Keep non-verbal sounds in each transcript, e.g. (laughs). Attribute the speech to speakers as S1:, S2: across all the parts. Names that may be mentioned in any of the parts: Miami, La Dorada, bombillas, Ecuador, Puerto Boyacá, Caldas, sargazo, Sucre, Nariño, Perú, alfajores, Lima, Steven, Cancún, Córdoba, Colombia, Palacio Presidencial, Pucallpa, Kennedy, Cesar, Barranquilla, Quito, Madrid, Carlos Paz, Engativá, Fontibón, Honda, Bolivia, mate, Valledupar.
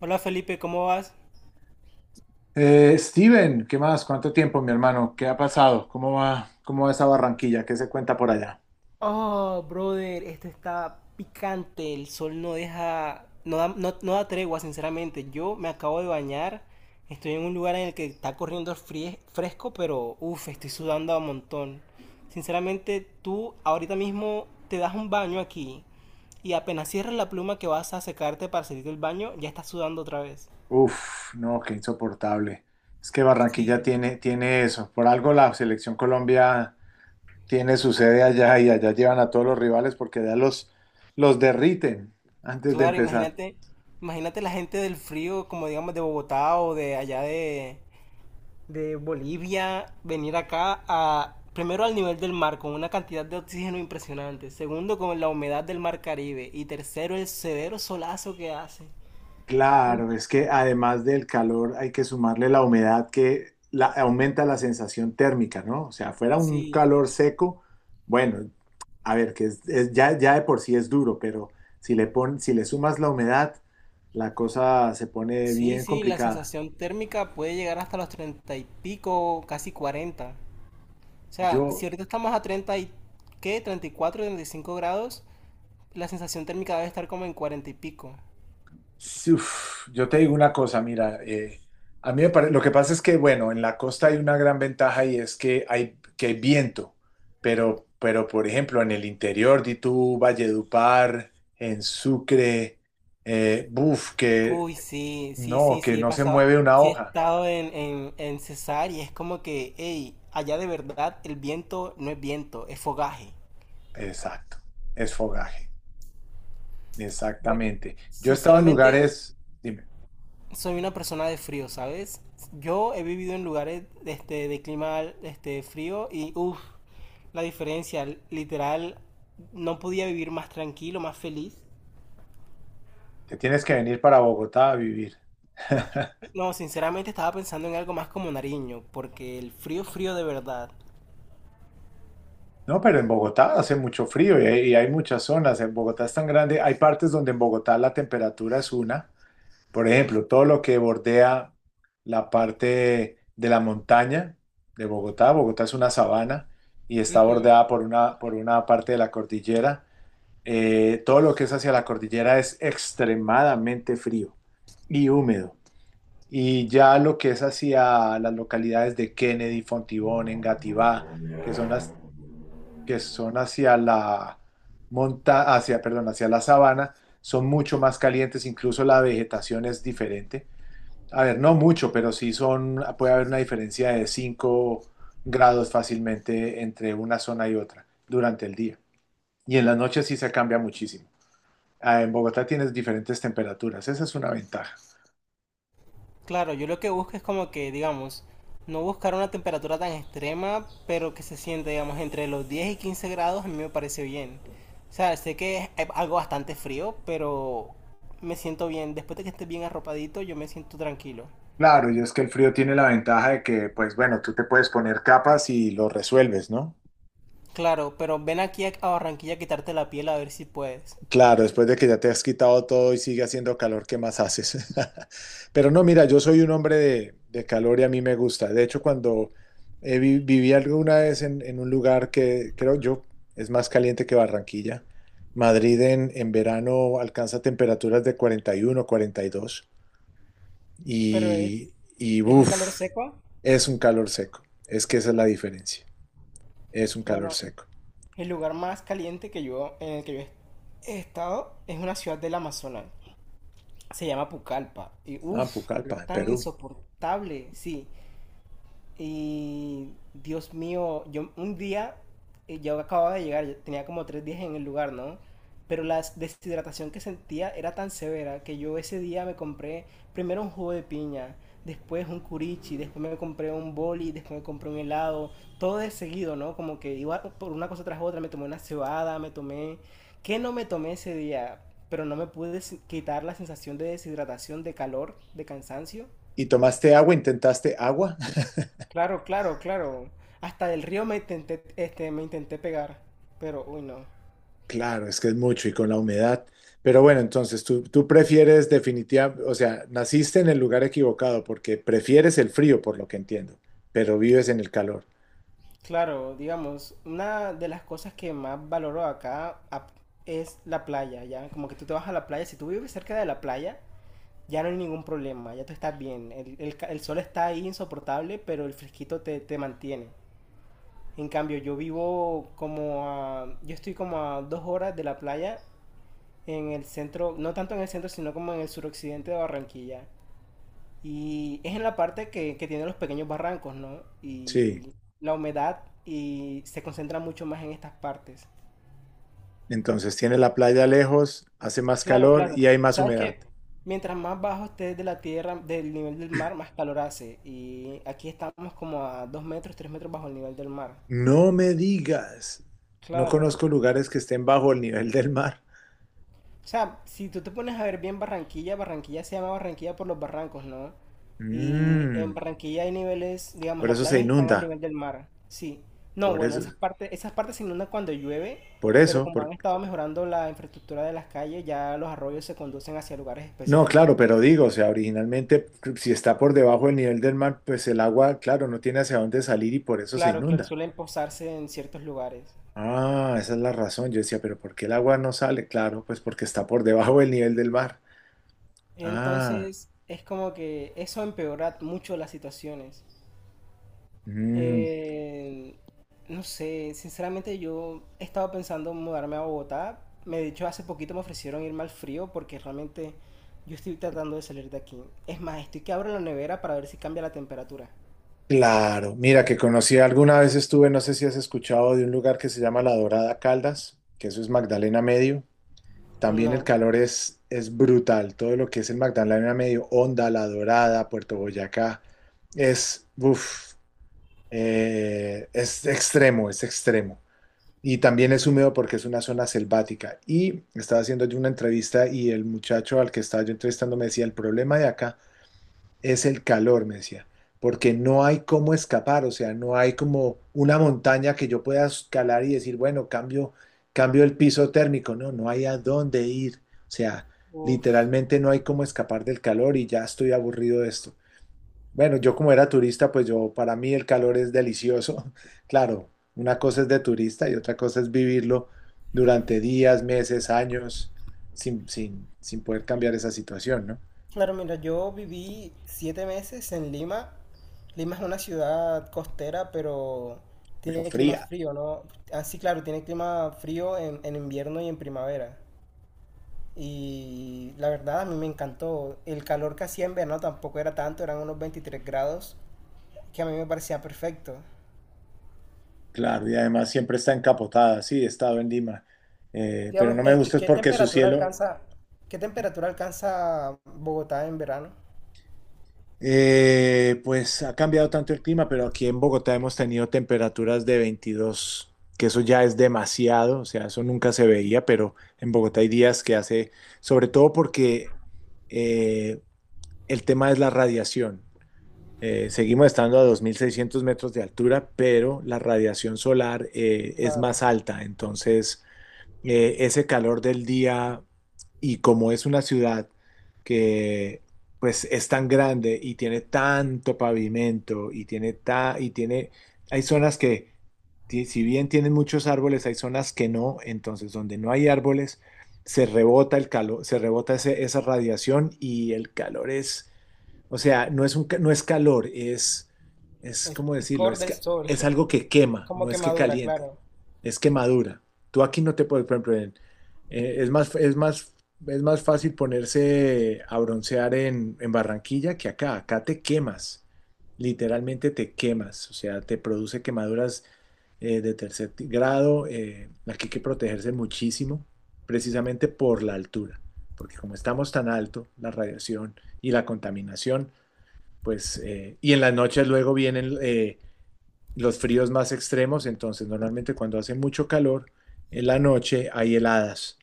S1: Hola Felipe, ¿cómo vas?
S2: Steven, ¿qué más? ¿Cuánto tiempo, mi hermano? ¿Qué ha pasado? ¿Cómo va? ¿Cómo va esa Barranquilla? ¿Qué se cuenta por allá?
S1: Oh, brother, esto está picante. El sol no deja, no da, no da tregua, sinceramente. Yo me acabo de bañar. Estoy en un lugar en el que está corriendo fresco, pero uff, estoy sudando a montón. Sinceramente, tú ahorita mismo te das un baño aquí y apenas cierras la pluma que vas a secarte para salir del baño, ya estás sudando otra vez.
S2: Uf, no, qué insoportable. Es que Barranquilla
S1: Sí,
S2: tiene eso. Por algo la selección Colombia tiene su sede allá y allá llevan a todos los rivales porque allá los derriten antes de
S1: claro,
S2: empezar.
S1: imagínate, imagínate la gente del frío, como digamos de Bogotá o de allá de Bolivia venir acá a primero al nivel del mar con una cantidad de oxígeno impresionante, segundo con la humedad del mar Caribe y tercero el severo solazo que hace. Uf,
S2: Claro, es que además del calor hay que sumarle la humedad que aumenta la sensación térmica, ¿no? O sea, fuera un
S1: sí,
S2: calor seco, bueno, a ver, que ya de por sí es duro, pero si le sumas la humedad, la cosa se pone
S1: sí,
S2: bien
S1: sí, la
S2: complicada.
S1: sensación térmica puede llegar hasta los 30 y pico, casi 40. O sea, si
S2: Yo,
S1: ahorita estamos a 30 y qué, treinta, 34, 35 grados, la sensación térmica debe estar como en 40 y pico.
S2: Sí, uf, yo te digo una cosa, mira, a mí me pare- lo que pasa es que, bueno, en la costa hay una gran ventaja y es que que hay viento, pero, por ejemplo, en el interior, de tú, Valledupar, en Sucre, buf, que
S1: Uy, sí, sí,
S2: no,
S1: sí,
S2: que
S1: sí, he
S2: no se
S1: pasado,
S2: mueve una
S1: sí he
S2: hoja.
S1: estado en, en Cesar y es como que, hey, allá de verdad el viento no es viento, es fogaje.
S2: Exacto, es fogaje,
S1: Bueno,
S2: exactamente. Yo he estado en
S1: sinceramente
S2: lugares, dime,
S1: soy una persona de frío, ¿sabes? Yo he vivido en lugares este, de clima este, frío y, uff, la diferencia, literal, no podía vivir más tranquilo, más feliz.
S2: te tienes que venir para Bogotá a vivir.
S1: No, sinceramente estaba pensando en algo más como Nariño, porque el frío, frío de verdad.
S2: No, pero en Bogotá hace mucho frío y y hay muchas zonas. En Bogotá es tan grande. Hay partes donde en Bogotá la temperatura es una. Por ejemplo, todo lo que bordea la parte de la montaña de Bogotá. Bogotá es una sabana y está bordeada por por una parte de la cordillera. Todo lo que es hacia la cordillera es extremadamente frío y húmedo. Y ya lo que es hacia las localidades de Kennedy, Fontibón, Engativá, que son las que son hacia la hacia la sabana, son mucho más calientes, incluso la vegetación es diferente. A ver, no mucho, pero sí son, puede haber una diferencia de 5 grados fácilmente entre una zona y otra durante el día. Y en la noche sí se cambia muchísimo. Ah, en Bogotá tienes diferentes temperaturas, esa es una ventaja.
S1: Claro, yo lo que busco es como que, digamos, no buscar una temperatura tan extrema, pero que se siente, digamos, entre los 10 y 15 grados, a mí me parece bien. O sea, sé que es algo bastante frío, pero me siento bien. Después de que esté bien arropadito, yo me siento tranquilo.
S2: Claro, y es que el frío tiene la ventaja de que, pues bueno, tú te puedes poner capas y lo resuelves, ¿no?
S1: Claro, pero ven aquí a Barranquilla a quitarte la piel a ver si puedes.
S2: Claro, después de que ya te has quitado todo y sigue haciendo calor, ¿qué más haces? (laughs) Pero no, mira, yo soy un hombre de calor y a mí me gusta. De hecho, cuando viví alguna vez en, un lugar que creo yo es más caliente que Barranquilla, Madrid en verano alcanza temperaturas de 41, 42 y, dos y
S1: Es un calor
S2: uff,
S1: seco.
S2: es un calor seco. Es que esa es la diferencia. Es un calor
S1: Bueno,
S2: seco.
S1: el lugar más caliente que yo en el que yo he estado es una ciudad del Amazonas. Se llama Pucallpa. Y
S2: Ah,
S1: uff,
S2: Pucallpa, en
S1: tan
S2: Perú.
S1: insoportable, sí. Y Dios mío, yo un día, yo acababa de llegar, yo tenía como 3 días en el lugar, ¿no? Pero la deshidratación que sentía era tan severa que yo ese día me compré primero un jugo de piña, después un curichi, después me compré un boli, después me compré un helado, todo de seguido, ¿no? Como que iba por una cosa tras otra, me tomé una cebada, me tomé... ¿Qué no me tomé ese día? Pero no me pude quitar la sensación de deshidratación, de calor, de cansancio.
S2: ¿Y tomaste agua? ¿Intentaste agua? (laughs)
S1: Claro, claro, claro. Hasta del río me intenté, este, me intenté pegar, pero uy no.
S2: Claro, es que es mucho y con la humedad. Pero bueno, entonces tú prefieres definitivamente, o sea, naciste en el lugar equivocado porque prefieres el frío, por lo que entiendo, pero vives en el calor.
S1: Claro, digamos, una de las cosas que más valoro acá es la playa, ¿ya? Como que tú te vas a la playa, si tú vives cerca de la playa, ya no hay ningún problema, ya tú estás bien. El sol está ahí insoportable, pero el fresquito te mantiene. En cambio, yo vivo como a... Yo estoy como a 2 horas de la playa en el centro, no tanto en el centro, sino como en el suroccidente de Barranquilla. Y es en la parte que tiene los pequeños barrancos, ¿no?
S2: Sí,
S1: Y la humedad y se concentra mucho más en estas partes.
S2: entonces tiene la playa lejos, hace más
S1: Claro,
S2: calor
S1: claro.
S2: y hay más
S1: Sabes
S2: humedad.
S1: que mientras más bajo estés de la tierra, del nivel del mar, más calor hace. Y aquí estamos como a 2 metros, 3 metros bajo el nivel del mar.
S2: No me digas, no
S1: Claro.
S2: conozco lugares que estén bajo el nivel del mar.
S1: O sea, si tú te pones a ver bien Barranquilla, Barranquilla se llama Barranquilla por los barrancos, ¿no? Y en
S2: Mm,
S1: Barranquilla hay niveles, digamos,
S2: por
S1: las
S2: eso se
S1: playas están al
S2: inunda,
S1: nivel del mar. Sí. No,
S2: por
S1: bueno,
S2: eso,
S1: esas partes se inundan cuando llueve,
S2: por
S1: pero
S2: eso,
S1: como han
S2: por-
S1: estado mejorando la infraestructura de las calles, ya los arroyos se conducen hacia lugares
S2: no,
S1: específicos.
S2: claro, pero digo, o sea, originalmente si está por debajo del nivel del mar, pues el agua, claro, no tiene hacia dónde salir y por eso se
S1: Claro, claro,
S2: inunda.
S1: suelen posarse en ciertos lugares.
S2: Ah, esa es la razón. Yo decía, pero ¿por qué el agua no sale? Claro, pues porque está por debajo del nivel del mar. Ah,
S1: Entonces, es como que eso empeora mucho las situaciones.
S2: mm,
S1: Eh, no sé, sinceramente yo he estado pensando en mudarme a Bogotá. De hecho, hace poquito me ofrecieron irme al frío porque realmente yo estoy tratando de salir de aquí. Es más, estoy que abro la nevera para ver si cambia la temperatura.
S2: claro. Mira, que conocí alguna vez estuve, no sé si has escuchado de un lugar que se llama La Dorada Caldas, que eso es Magdalena Medio. También el
S1: No.
S2: calor es brutal. Todo lo que es el Magdalena Medio, Honda, La Dorada, Puerto Boyacá, es, uff. Es extremo, es extremo. Y también es húmedo porque es una zona selvática. Y estaba haciendo yo una entrevista y el muchacho al que estaba yo entrevistando me decía, el problema de acá es el calor, me decía, porque no hay cómo escapar, o sea, no hay como una montaña que yo pueda escalar y decir, bueno, cambio, cambio el piso térmico, no, no hay a dónde ir, o sea,
S1: Uf.
S2: literalmente no hay cómo escapar del calor y ya estoy aburrido de esto. Bueno, yo como era turista, pues yo, para mí el calor es delicioso. (laughs) Claro, una cosa es de turista y otra cosa es vivirlo durante días, meses, años, sin poder cambiar esa situación, ¿no?
S1: Claro, mira, yo viví 7 meses en Lima. Lima es una ciudad costera, pero
S2: Pero
S1: tiene clima
S2: fría,
S1: frío, ¿no? Así, claro, tiene clima frío en, invierno y en primavera. Y la verdad a mí me encantó. El calor que hacía en verano tampoco era tanto, eran unos 23 grados, que a mí me parecía perfecto.
S2: claro, y además siempre está encapotada, sí, he estado en Lima, pero
S1: Digamos,
S2: no me
S1: ¿qué,
S2: gusta es
S1: qué
S2: porque su
S1: temperatura
S2: cielo.
S1: alcanza, qué temperatura alcanza Bogotá en verano?
S2: Pues ha cambiado tanto el clima, pero aquí en Bogotá hemos tenido temperaturas de 22, que eso ya es demasiado, o sea, eso nunca se veía, pero en Bogotá hay días que hace, sobre todo porque eh, el tema es la radiación. Seguimos estando a 2.600 metros de altura, pero la radiación solar es
S1: Claro,
S2: más alta, entonces ese calor del día y como es una ciudad que pues es tan grande y tiene tanto pavimento y tiene y tiene hay zonas que si bien tienen muchos árboles, hay zonas que no, entonces donde no hay árboles se rebota el calor, se rebota esa radiación y el calor es, o sea, no es calor,
S1: es
S2: ¿cómo decirlo?
S1: picor
S2: Es
S1: del
S2: que
S1: sol,
S2: es algo que
S1: (laughs)
S2: quema,
S1: como
S2: no es que
S1: quemadura,
S2: caliente,
S1: claro.
S2: es quemadura. Tú aquí no te puedes, por ejemplo, eh, es más, es más, es más fácil ponerse a broncear en Barranquilla que acá. Acá te quemas, literalmente te quemas, o sea, te produce quemaduras de tercer grado. Eh, aquí hay que protegerse muchísimo, precisamente por la altura, porque como estamos tan alto, la radiación y la contaminación, pues, y en las noches luego vienen los fríos más extremos, entonces normalmente cuando hace mucho calor, en la noche hay heladas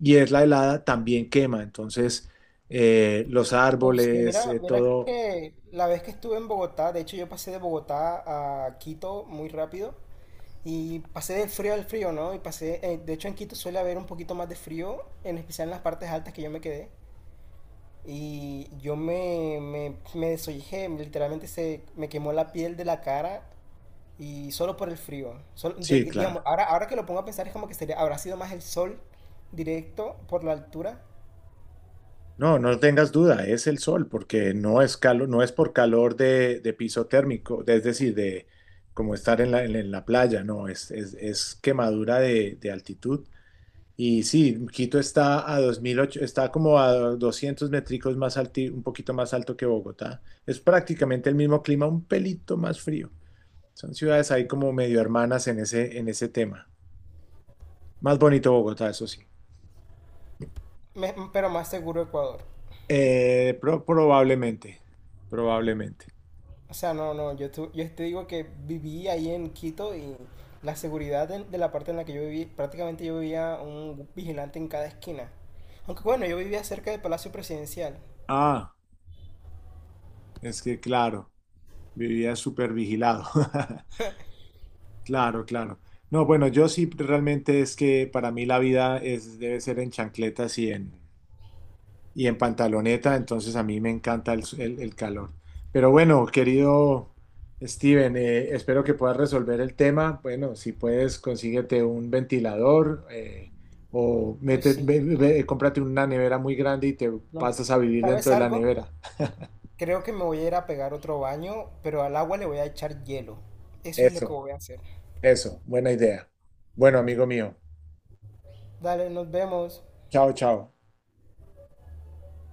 S2: y es la helada también quema, entonces los
S1: Uf, sí,
S2: árboles,
S1: mira, mira
S2: todo,
S1: que la vez que estuve en Bogotá, de hecho yo pasé de Bogotá a Quito muy rápido. Y pasé del frío al frío, ¿no? Y pasé, de hecho en Quito suele haber un poquito más de frío, en especial en las partes altas que yo me quedé. Y yo me desollejé, literalmente se me quemó la piel de la cara y solo por el frío.
S2: sí,
S1: Digamos,
S2: claro.
S1: ahora, ahora que lo pongo a pensar es como que sería, habrá sido más el sol directo por la altura,
S2: No, no tengas duda, es el sol, porque no es calor, no es por calor de piso térmico, es decir, de como estar en la playa, no, es quemadura de altitud. Y sí, Quito está a 2008, está como a 200 métricos más alto, un poquito más alto que Bogotá. Es prácticamente el mismo clima, un pelito más frío. Son ciudades ahí como medio hermanas en ese tema. Más bonito Bogotá, eso sí.
S1: pero más seguro Ecuador.
S2: Probablemente, probablemente.
S1: O sea, no, no, yo te digo que viví ahí en Quito y la seguridad de la parte en la que yo viví, prácticamente yo vivía un vigilante en cada esquina. Aunque bueno, yo vivía cerca del Palacio Presidencial.
S2: Ah, es que claro, vivía súper vigilado. (laughs) Claro, claro. No, bueno, yo sí realmente es que para mí la vida es, debe ser en chancletas y en pantaloneta, entonces a mí me encanta el calor. Pero bueno, querido Steven, espero que puedas resolver el tema. Bueno, si puedes, consíguete un ventilador o
S1: Uy,
S2: mete,
S1: sí.
S2: cómprate una nevera muy grande y te
S1: No.
S2: pasas a vivir dentro
S1: ¿Sabes
S2: de la
S1: algo?
S2: nevera.
S1: Creo que me voy a ir a pegar otro baño, pero al agua le voy a echar hielo. Eso es lo que
S2: Eso,
S1: voy a hacer.
S2: eso, buena idea. Bueno, amigo mío,
S1: Dale, nos vemos.
S2: chao, chao.